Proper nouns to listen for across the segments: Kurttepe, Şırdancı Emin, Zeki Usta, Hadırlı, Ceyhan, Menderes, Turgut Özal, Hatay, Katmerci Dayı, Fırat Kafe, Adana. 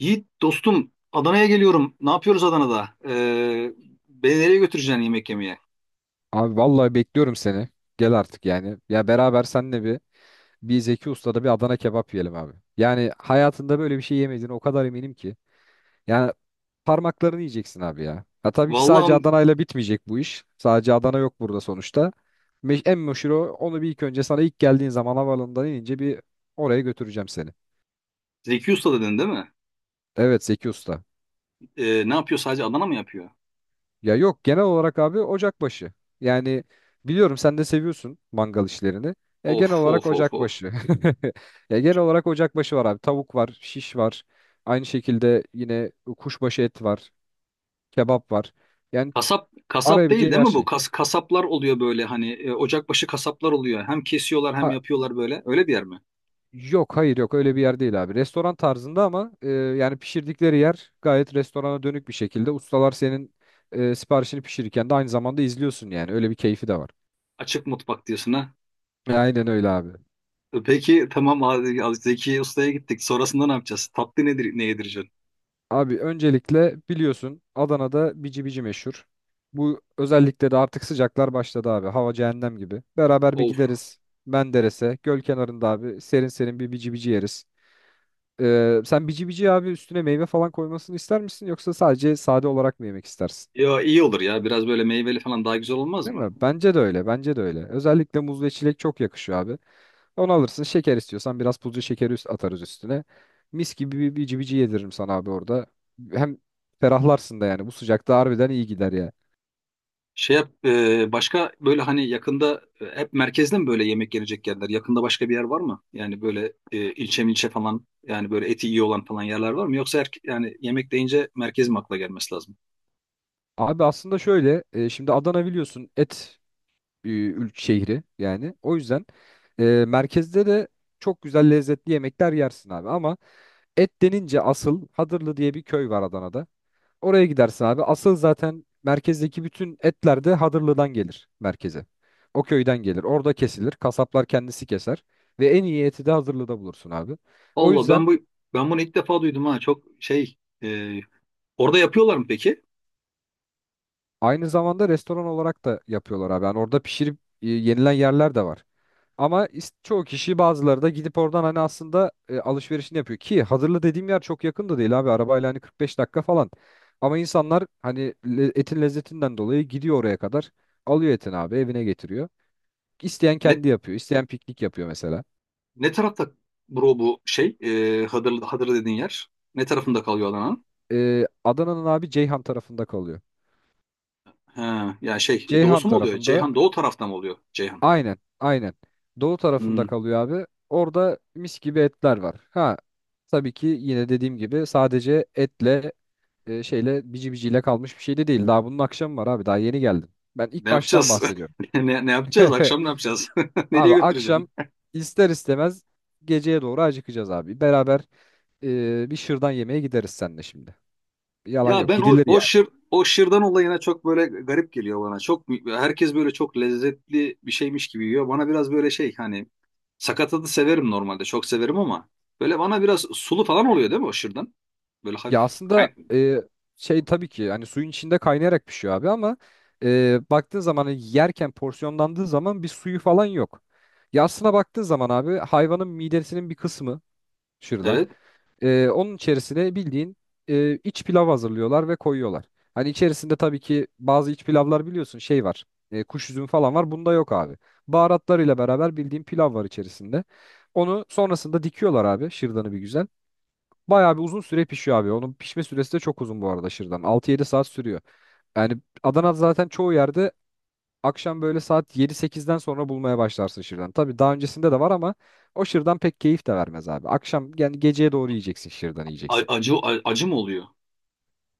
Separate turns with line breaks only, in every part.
Yiğit dostum, Adana'ya geliyorum. Ne yapıyoruz Adana'da? Beni nereye götüreceksin yemek yemeye?
Abi vallahi bekliyorum seni. Gel artık yani. Ya beraber senle bir Zeki Usta'da bir Adana kebap yiyelim abi. Yani hayatında böyle bir şey yemediğine o kadar eminim ki. Yani parmaklarını yiyeceksin abi ya. Ha tabii ki sadece
Vallahi
Adana'yla bitmeyecek bu iş. Sadece Adana yok burada sonuçta. En meşhur o. Onu bir ilk önce sana ilk geldiğin zaman havaalanından inince bir oraya götüreceğim seni.
Zeki Usta dedin değil mi?
Evet Zeki Usta.
Ne yapıyor, sadece Adana mı yapıyor?
Ya yok genel olarak abi ocakbaşı. Yani biliyorum sen de seviyorsun mangal işlerini. Genel
Of
olarak
of of of.
ocakbaşı. Ya genel olarak ocakbaşı var abi. Tavuk var, şiş var. Aynı şekilde yine kuşbaşı et var, kebap var. Yani
Kasap kasap değil
arayabileceğin
değil
her
mi bu?
şey.
Kasaplar oluyor böyle, hani ocakbaşı kasaplar oluyor. Hem kesiyorlar hem
Ha
yapıyorlar böyle. Öyle bir yer mi?
yok hayır yok öyle bir yer değil abi. Restoran tarzında ama yani pişirdikleri yer gayet restorana dönük bir şekilde. Ustalar senin siparişini pişirirken de aynı zamanda izliyorsun yani. Öyle bir keyfi de var.
Açık mutfak diyorsun, ha.
Aynen öyle abi.
Peki tamam abi, Zeki Usta'ya gittik. Sonrasında ne yapacağız? Tatlı nedir, ne yedireceksin?
Abi öncelikle biliyorsun Adana'da bici bici meşhur. Bu özellikle de artık sıcaklar başladı abi. Hava cehennem gibi. Beraber bir
Of.
gideriz Menderes'e. Göl kenarında abi serin serin bir bici bici yeriz. Sen bici bici abi üstüne meyve falan koymasını ister misin yoksa sadece sade olarak mı yemek istersin?
Ya iyi olur ya. Biraz böyle meyveli falan daha güzel olmaz
Değil
mı?
mi? Bence de öyle. Bence de öyle. Özellikle muz ve çilek çok yakışıyor abi. Onu alırsın. Şeker istiyorsan biraz pudra şekeri üst atarız üstüne. Mis gibi bir bici bici yediririm sana abi orada. Hem ferahlarsın da yani. Bu sıcakta harbiden iyi gider ya.
Başka böyle hani yakında hep merkezde mi böyle yemek yenecek yerler? Yakında başka bir yer var mı? Yani böyle ilçe milçe falan, yani böyle eti iyi olan falan yerler var mı? Yoksa yani yemek deyince merkez mi akla gelmesi lazım?
Abi aslında şöyle. Şimdi Adana biliyorsun et şehri yani. O yüzden e, merkezde de çok güzel lezzetli yemekler yersin abi. Ama et denince asıl Hadırlı diye bir köy var Adana'da. Oraya gidersin abi. Asıl zaten merkezdeki bütün etler de Hadırlı'dan gelir merkeze. O köyden gelir. Orada kesilir. Kasaplar kendisi keser. Ve en iyi eti de Hadırlı'da bulursun abi. O
Allah,
yüzden
ben bunu ilk defa duydum ha, çok şey, e, orada yapıyorlar mı peki?
aynı zamanda restoran olarak da yapıyorlar abi. Yani orada pişirip yenilen yerler de var. Ama çoğu kişi bazıları da gidip oradan hani aslında alışverişini yapıyor. Ki Hadırlı dediğim yer çok yakın da değil abi. Arabayla hani 45 dakika falan. Ama insanlar hani etin lezzetinden dolayı gidiyor oraya kadar. Alıyor etini abi evine getiriyor. İsteyen
Ne
kendi yapıyor. İsteyen piknik yapıyor mesela.
ne tarafta bro, bu şey, Hadırlı dediğin yer? Ne tarafında kalıyor Adana'nın?
Adana'nın abi Ceyhan tarafında kalıyor.
Ha, yani şey,
Ceyhan
doğusu mu oluyor?
tarafında
Ceyhan doğu tarafta mı oluyor Ceyhan?
aynen aynen. Doğu tarafında
Hmm.
kalıyor abi. Orada mis gibi etler var. Ha tabii ki yine dediğim gibi sadece etle şeyle bici biciyle kalmış bir şey de değil. Daha bunun akşamı var abi. Daha yeni geldim. Ben
Ne
ilk baştan
yapacağız?
bahsediyorum.
Ne yapacağız? Akşam ne yapacağız?
Abi
Nereye
akşam
götüreceğim?
ister istemez geceye doğru acıkacağız abi. Beraber bir şırdan yemeye gideriz seninle şimdi. Yalan
Ya
yok.
ben
Gidilir yani.
o şırdan olayına çok böyle garip geliyor bana. Çok, herkes böyle çok lezzetli bir şeymiş gibi yiyor. Bana biraz böyle şey, hani sakatadı severim normalde. Çok severim ama böyle bana biraz sulu falan oluyor, değil mi o şırdan? Böyle
Ya
hafif
aslında
kay-.
şey tabii ki hani suyun içinde kaynayarak pişiyor abi ama baktığın zaman hani yerken porsiyonlandığı zaman bir suyu falan yok. Ya aslına baktığın zaman abi hayvanın midesinin bir kısmı şırdan.
Evet.
Onun içerisine bildiğin iç pilav hazırlıyorlar ve koyuyorlar. Hani içerisinde tabii ki bazı iç pilavlar biliyorsun şey var. Kuş üzümü falan var. Bunda yok abi. Baharatlarıyla beraber bildiğin pilav var içerisinde. Onu sonrasında dikiyorlar abi şırdanı bir güzel. Bayağı bir uzun süre pişiyor abi. Onun pişme süresi de çok uzun bu arada şırdan. 6-7 saat sürüyor. Yani Adana zaten çoğu yerde akşam böyle saat 7-8'den sonra bulmaya başlarsın şırdan. Tabii daha öncesinde de var ama o şırdan pek keyif de vermez abi. Akşam yani geceye doğru yiyeceksin şırdan yiyeceksin.
Acı acı mı oluyor?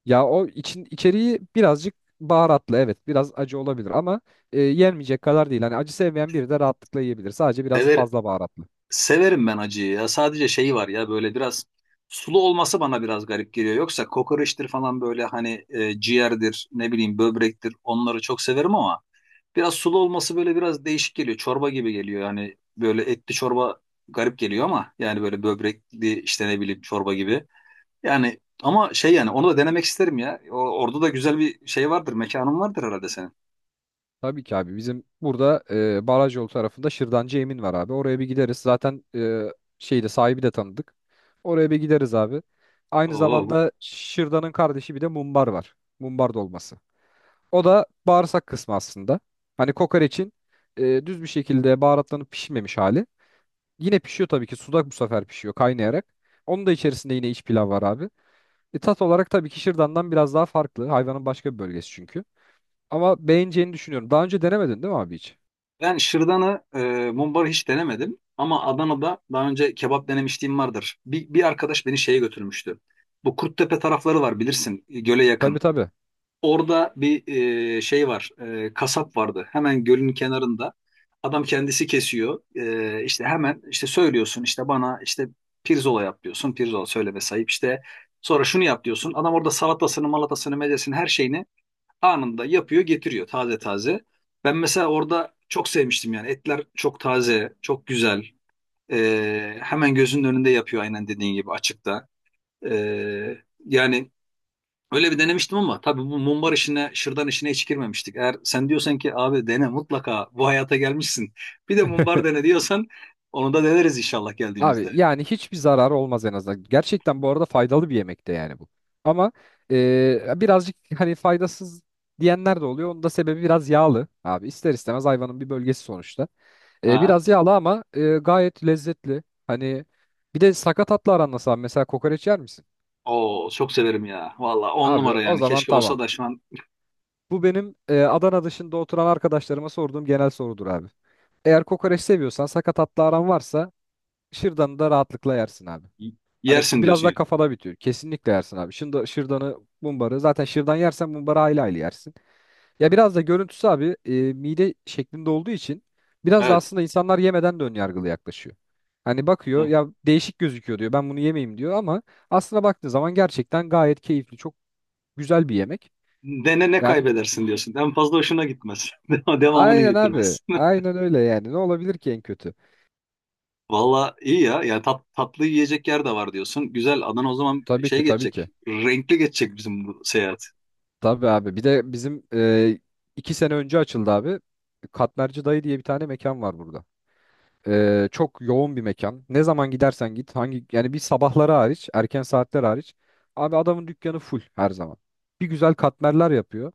Ya o için içeriği birazcık baharatlı evet biraz acı olabilir ama yenmeyecek kadar değil. Hani acı sevmeyen biri de rahatlıkla yiyebilir. Sadece biraz
Sever,
fazla baharatlı.
Severim ben acıyı ya. Sadece şeyi var ya, böyle biraz sulu olması bana biraz garip geliyor. Yoksa kokoreçtir falan, böyle hani ciğerdir, ne bileyim böbrektir. Onları çok severim ama biraz sulu olması böyle biraz değişik geliyor. Çorba gibi geliyor. Yani böyle etli çorba, garip geliyor ama yani böyle böbrekli işte ne bileyim, çorba gibi. Yani ama şey, yani onu da denemek isterim ya. Orada da güzel bir şey vardır, mekanın vardır herhalde senin.
Tabii ki abi bizim burada baraj yolu tarafında Şırdancı Emin var abi. Oraya bir gideriz. Zaten şeyde sahibi de tanıdık. Oraya bir gideriz abi. Aynı
Oo,
zamanda Şırdan'ın kardeşi bir de mumbar var. Mumbar dolması. O da bağırsak kısmı aslında. Hani kokoreçin düz bir şekilde baharatlanıp pişmemiş hali. Yine pişiyor tabii ki. Suda bu sefer pişiyor kaynayarak. Onun da içerisinde yine iç pilav var abi. Tat olarak tabii ki Şırdan'dan biraz daha farklı. Hayvanın başka bir bölgesi çünkü. Ama beğeneceğini düşünüyorum. Daha önce denemedin değil mi abi hiç?
ben şırdanı, mumbarı hiç denemedim. Ama Adana'da daha önce kebap denemişliğim vardır. Bir arkadaş beni şeye götürmüştü. Bu Kurttepe tarafları var bilirsin, göle yakın.
Tabii tabii.
Orada bir şey var, kasap vardı. Hemen gölün kenarında. Adam kendisi kesiyor. İşte hemen işte söylüyorsun işte bana işte pirzola yap diyorsun. Pirzola söyleme sahip işte. Sonra şunu yap diyorsun. Adam orada salatasını, malatasını, mezesini, her şeyini anında yapıyor, getiriyor taze taze. Ben mesela orada çok sevmiştim, yani etler çok taze, çok güzel. Hemen gözünün önünde yapıyor aynen dediğin gibi, açıkta. Ee, yani öyle bir denemiştim ama tabii bu mumbar işine, şırdan işine hiç girmemiştik. Eğer sen diyorsan ki abi dene mutlaka, bu hayata gelmişsin bir de mumbar dene diyorsan, onu da deneriz inşallah
Abi
geldiğimizde.
yani hiçbir zararı olmaz en azından. Gerçekten bu arada faydalı bir yemek de yani bu. Ama birazcık hani faydasız diyenler de oluyor. Onun da sebebi biraz yağlı abi. İster istemez hayvanın bir bölgesi sonuçta. E,
Aha.
biraz yağlı ama gayet lezzetli. Hani bir de sakatatla aran nasıl abi? Mesela kokoreç yer misin?
Oo, çok severim ya. Valla on
Abi
numara
o
yani.
zaman
Keşke
tamam.
olsa da şu an.
Bu benim Adana dışında oturan arkadaşlarıma sorduğum genel sorudur abi. Eğer kokoreç seviyorsan sakatatla aran varsa şırdanı da rahatlıkla yersin abi.
y-
Hani
Yersin
biraz
diyorsun
daha
yani.
kafada bitiyor. Kesinlikle yersin abi. Şırdanı, mumbarı. Zaten şırdan yersen mumbarı aile aile yersin. Ya biraz da görüntüsü abi mide şeklinde olduğu için biraz da
Evet.
aslında insanlar yemeden de ön yargılı yaklaşıyor. Hani bakıyor
Evet.
ya değişik gözüküyor diyor. Ben bunu yemeyeyim diyor ama aslına baktığı zaman gerçekten gayet keyifli, çok güzel bir yemek.
Dene, ne
Yani
kaybedersin diyorsun. En fazla hoşuna gitmez. Devamını
aynen abi.
getirmez.
Aynen öyle yani. Ne olabilir ki en kötü?
Valla iyi ya. Yani tatlı yiyecek yer de var diyorsun. Güzel. Adana o zaman
Tabii
şey
ki tabii
geçecek.
ki.
Renkli geçecek bizim bu seyahat.
Tabii abi. Bir de bizim 2 sene önce açıldı abi. Katmerci Dayı diye bir tane mekan var burada. Çok yoğun bir mekan. Ne zaman gidersen git, hangi yani bir sabahları hariç, erken saatler hariç. Abi adamın dükkanı full her zaman. Bir güzel katmerler yapıyor.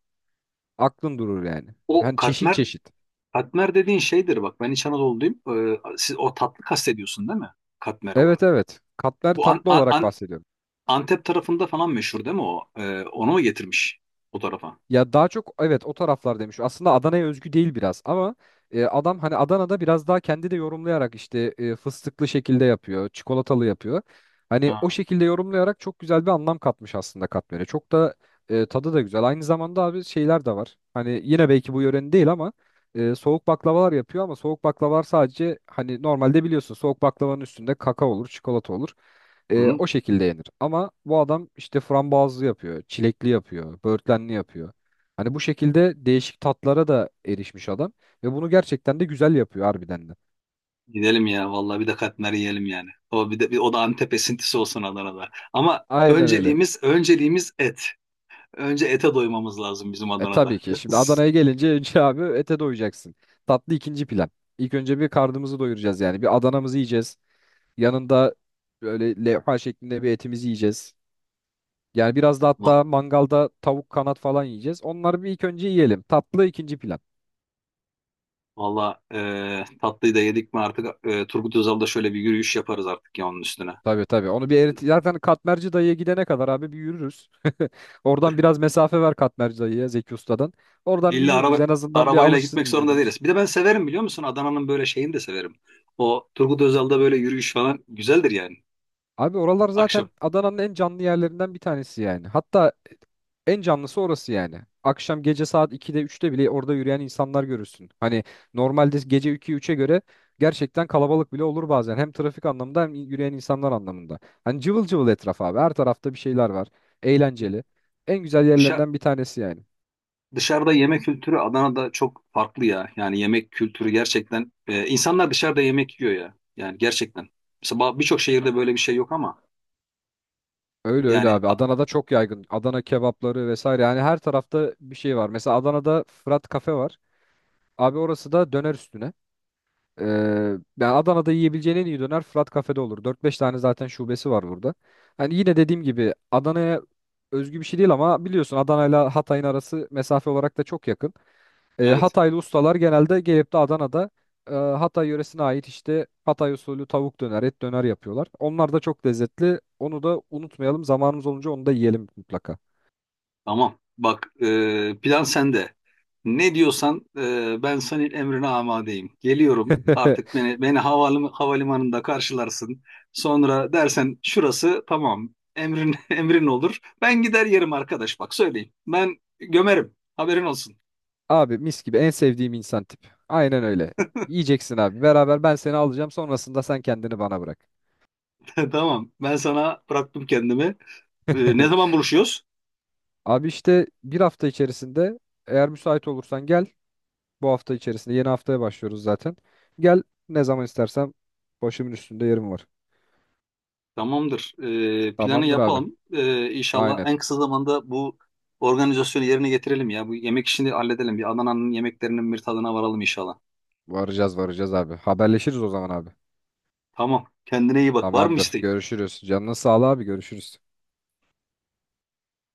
Aklın durur yani.
O
Yani çeşit
katmer
çeşit.
katmer dediğin şeydir bak. Ben İç Anadolu'luyum. Siz o tatlı kastediyorsun değil mi? Katmer
Evet
olarak.
evet. Katmer
Bu
tatlı olarak bahsediyorum.
Antep tarafında falan meşhur değil mi o? Onu mu getirmiş o tarafa?
Ya daha çok evet o taraflar demiş. Aslında Adana'ya özgü değil biraz ama adam hani Adana'da biraz daha kendi de yorumlayarak işte fıstıklı şekilde yapıyor, çikolatalı yapıyor. Hani o
Ha.
şekilde yorumlayarak çok güzel bir anlam katmış aslında katmere. Çok da tadı da güzel. Aynı zamanda abi şeyler de var. Hani yine belki bu yörenin değil ama soğuk baklavalar yapıyor ama soğuk baklavalar sadece hani normalde biliyorsun soğuk baklavanın üstünde kakao olur, çikolata olur. E,
Hı.
o şekilde yenir. Ama bu adam işte frambuazlı yapıyor, çilekli yapıyor, böğürtlenli yapıyor. Hani bu şekilde değişik tatlara da erişmiş adam ve bunu gerçekten de güzel yapıyor harbiden de.
Gidelim ya vallahi, bir de katmer yiyelim yani. O bir de, bir o da Antep esintisi olsun Adana'da. Ama
Aynen öyle.
önceliğimiz et. Önce ete doymamız lazım bizim
E
Adana'da.
tabii ki. Şimdi Adana'ya gelince önce abi ete doyacaksın. Tatlı ikinci plan. İlk önce bir karnımızı doyuracağız yani. Bir Adana'mızı yiyeceğiz. Yanında böyle levha şeklinde bir etimizi yiyeceğiz. Yani biraz da
Va-
hatta mangalda tavuk kanat falan yiyeceğiz. Onları bir ilk önce yiyelim. Tatlı ikinci plan.
Vallahi tatlıyı da yedik mi artık, Turgut Özal'da şöyle bir yürüyüş yaparız artık ya onun üstüne.
Tabii tabii. Onu bir erit zaten Katmerci dayıya gidene kadar abi bir yürürüz. Oradan biraz mesafe ver Katmerci dayıya Zeki Usta'dan. Oradan bir
İlla
yürürüz.
araba
En azından bir
Arabayla
alışsın
gitmek zorunda
vücudumuz.
değiliz. Bir de ben severim, biliyor musun? Adana'nın böyle şeyini de severim. O Turgut Özal'da böyle yürüyüş falan güzeldir yani
Abi oralar zaten
akşam.
Adana'nın en canlı yerlerinden bir tanesi yani. Hatta en canlısı orası yani. Akşam gece saat 2'de üçte bile orada yürüyen insanlar görürsün. Hani normalde gece 2 üçe göre gerçekten kalabalık bile olur bazen. Hem trafik anlamında hem yürüyen insanlar anlamında. Hani cıvıl cıvıl etraf abi. Her tarafta bir şeyler var. Eğlenceli. En güzel
Dışa-
yerlerinden bir tanesi yani.
Dışarıda yemek kültürü Adana'da çok farklı ya. Yani yemek kültürü gerçekten, insanlar dışarıda yemek yiyor ya. Yani gerçekten. Mesela birçok şehirde böyle bir şey yok ama
Öyle öyle
yani
abi. Adana'da çok yaygın. Adana kebapları vesaire. Yani her tarafta bir şey var. Mesela Adana'da Fırat Kafe var. Abi orası da döner üstüne. Ee, yani Adana'da yiyebileceğin en iyi döner Fırat Kafe'de olur. Dört beş tane zaten şubesi var burada. Hani yine dediğim gibi Adana'ya özgü bir şey değil ama biliyorsun Adana'yla Hatay'ın arası mesafe olarak da çok yakın. Ee,
evet
Hataylı ustalar genelde gelip de Adana'da Hatay yöresine ait işte Hatay usulü tavuk döner, et döner yapıyorlar. Onlar da çok lezzetli. Onu da unutmayalım. Zamanımız olunca onu da yiyelim mutlaka.
tamam. Bak, plan sende. Ne diyorsan, ben senin emrine amadeyim. Geliyorum artık, havalimanında karşılarsın. Sonra dersen şurası tamam. Emrin emrin olur. Ben gider yerim arkadaş, bak söyleyeyim. Ben gömerim. Haberin olsun.
Abi mis gibi en sevdiğim insan tip. Aynen öyle. Yiyeceksin abi. Beraber ben seni alacağım. Sonrasında sen kendini bana bırak.
Tamam. Ben sana bıraktım kendimi. Ne zaman buluşuyoruz?
Abi işte bir hafta içerisinde eğer müsait olursan gel. Bu hafta içerisinde yeni haftaya başlıyoruz zaten. Gel ne zaman istersen başımın üstünde yerim var.
Tamamdır. Planı
Tamamdır abi.
yapalım. İnşallah
Aynen.
en kısa zamanda bu organizasyonu yerine getirelim ya. Bu yemek işini halledelim. Bir Adana'nın yemeklerinin bir tadına varalım inşallah.
Varacağız varacağız abi. Haberleşiriz o zaman abi.
Tamam. Kendine iyi bak. Var mı
Tamamdır.
isteğin?
Görüşürüz. Canına sağlığı abi. Görüşürüz.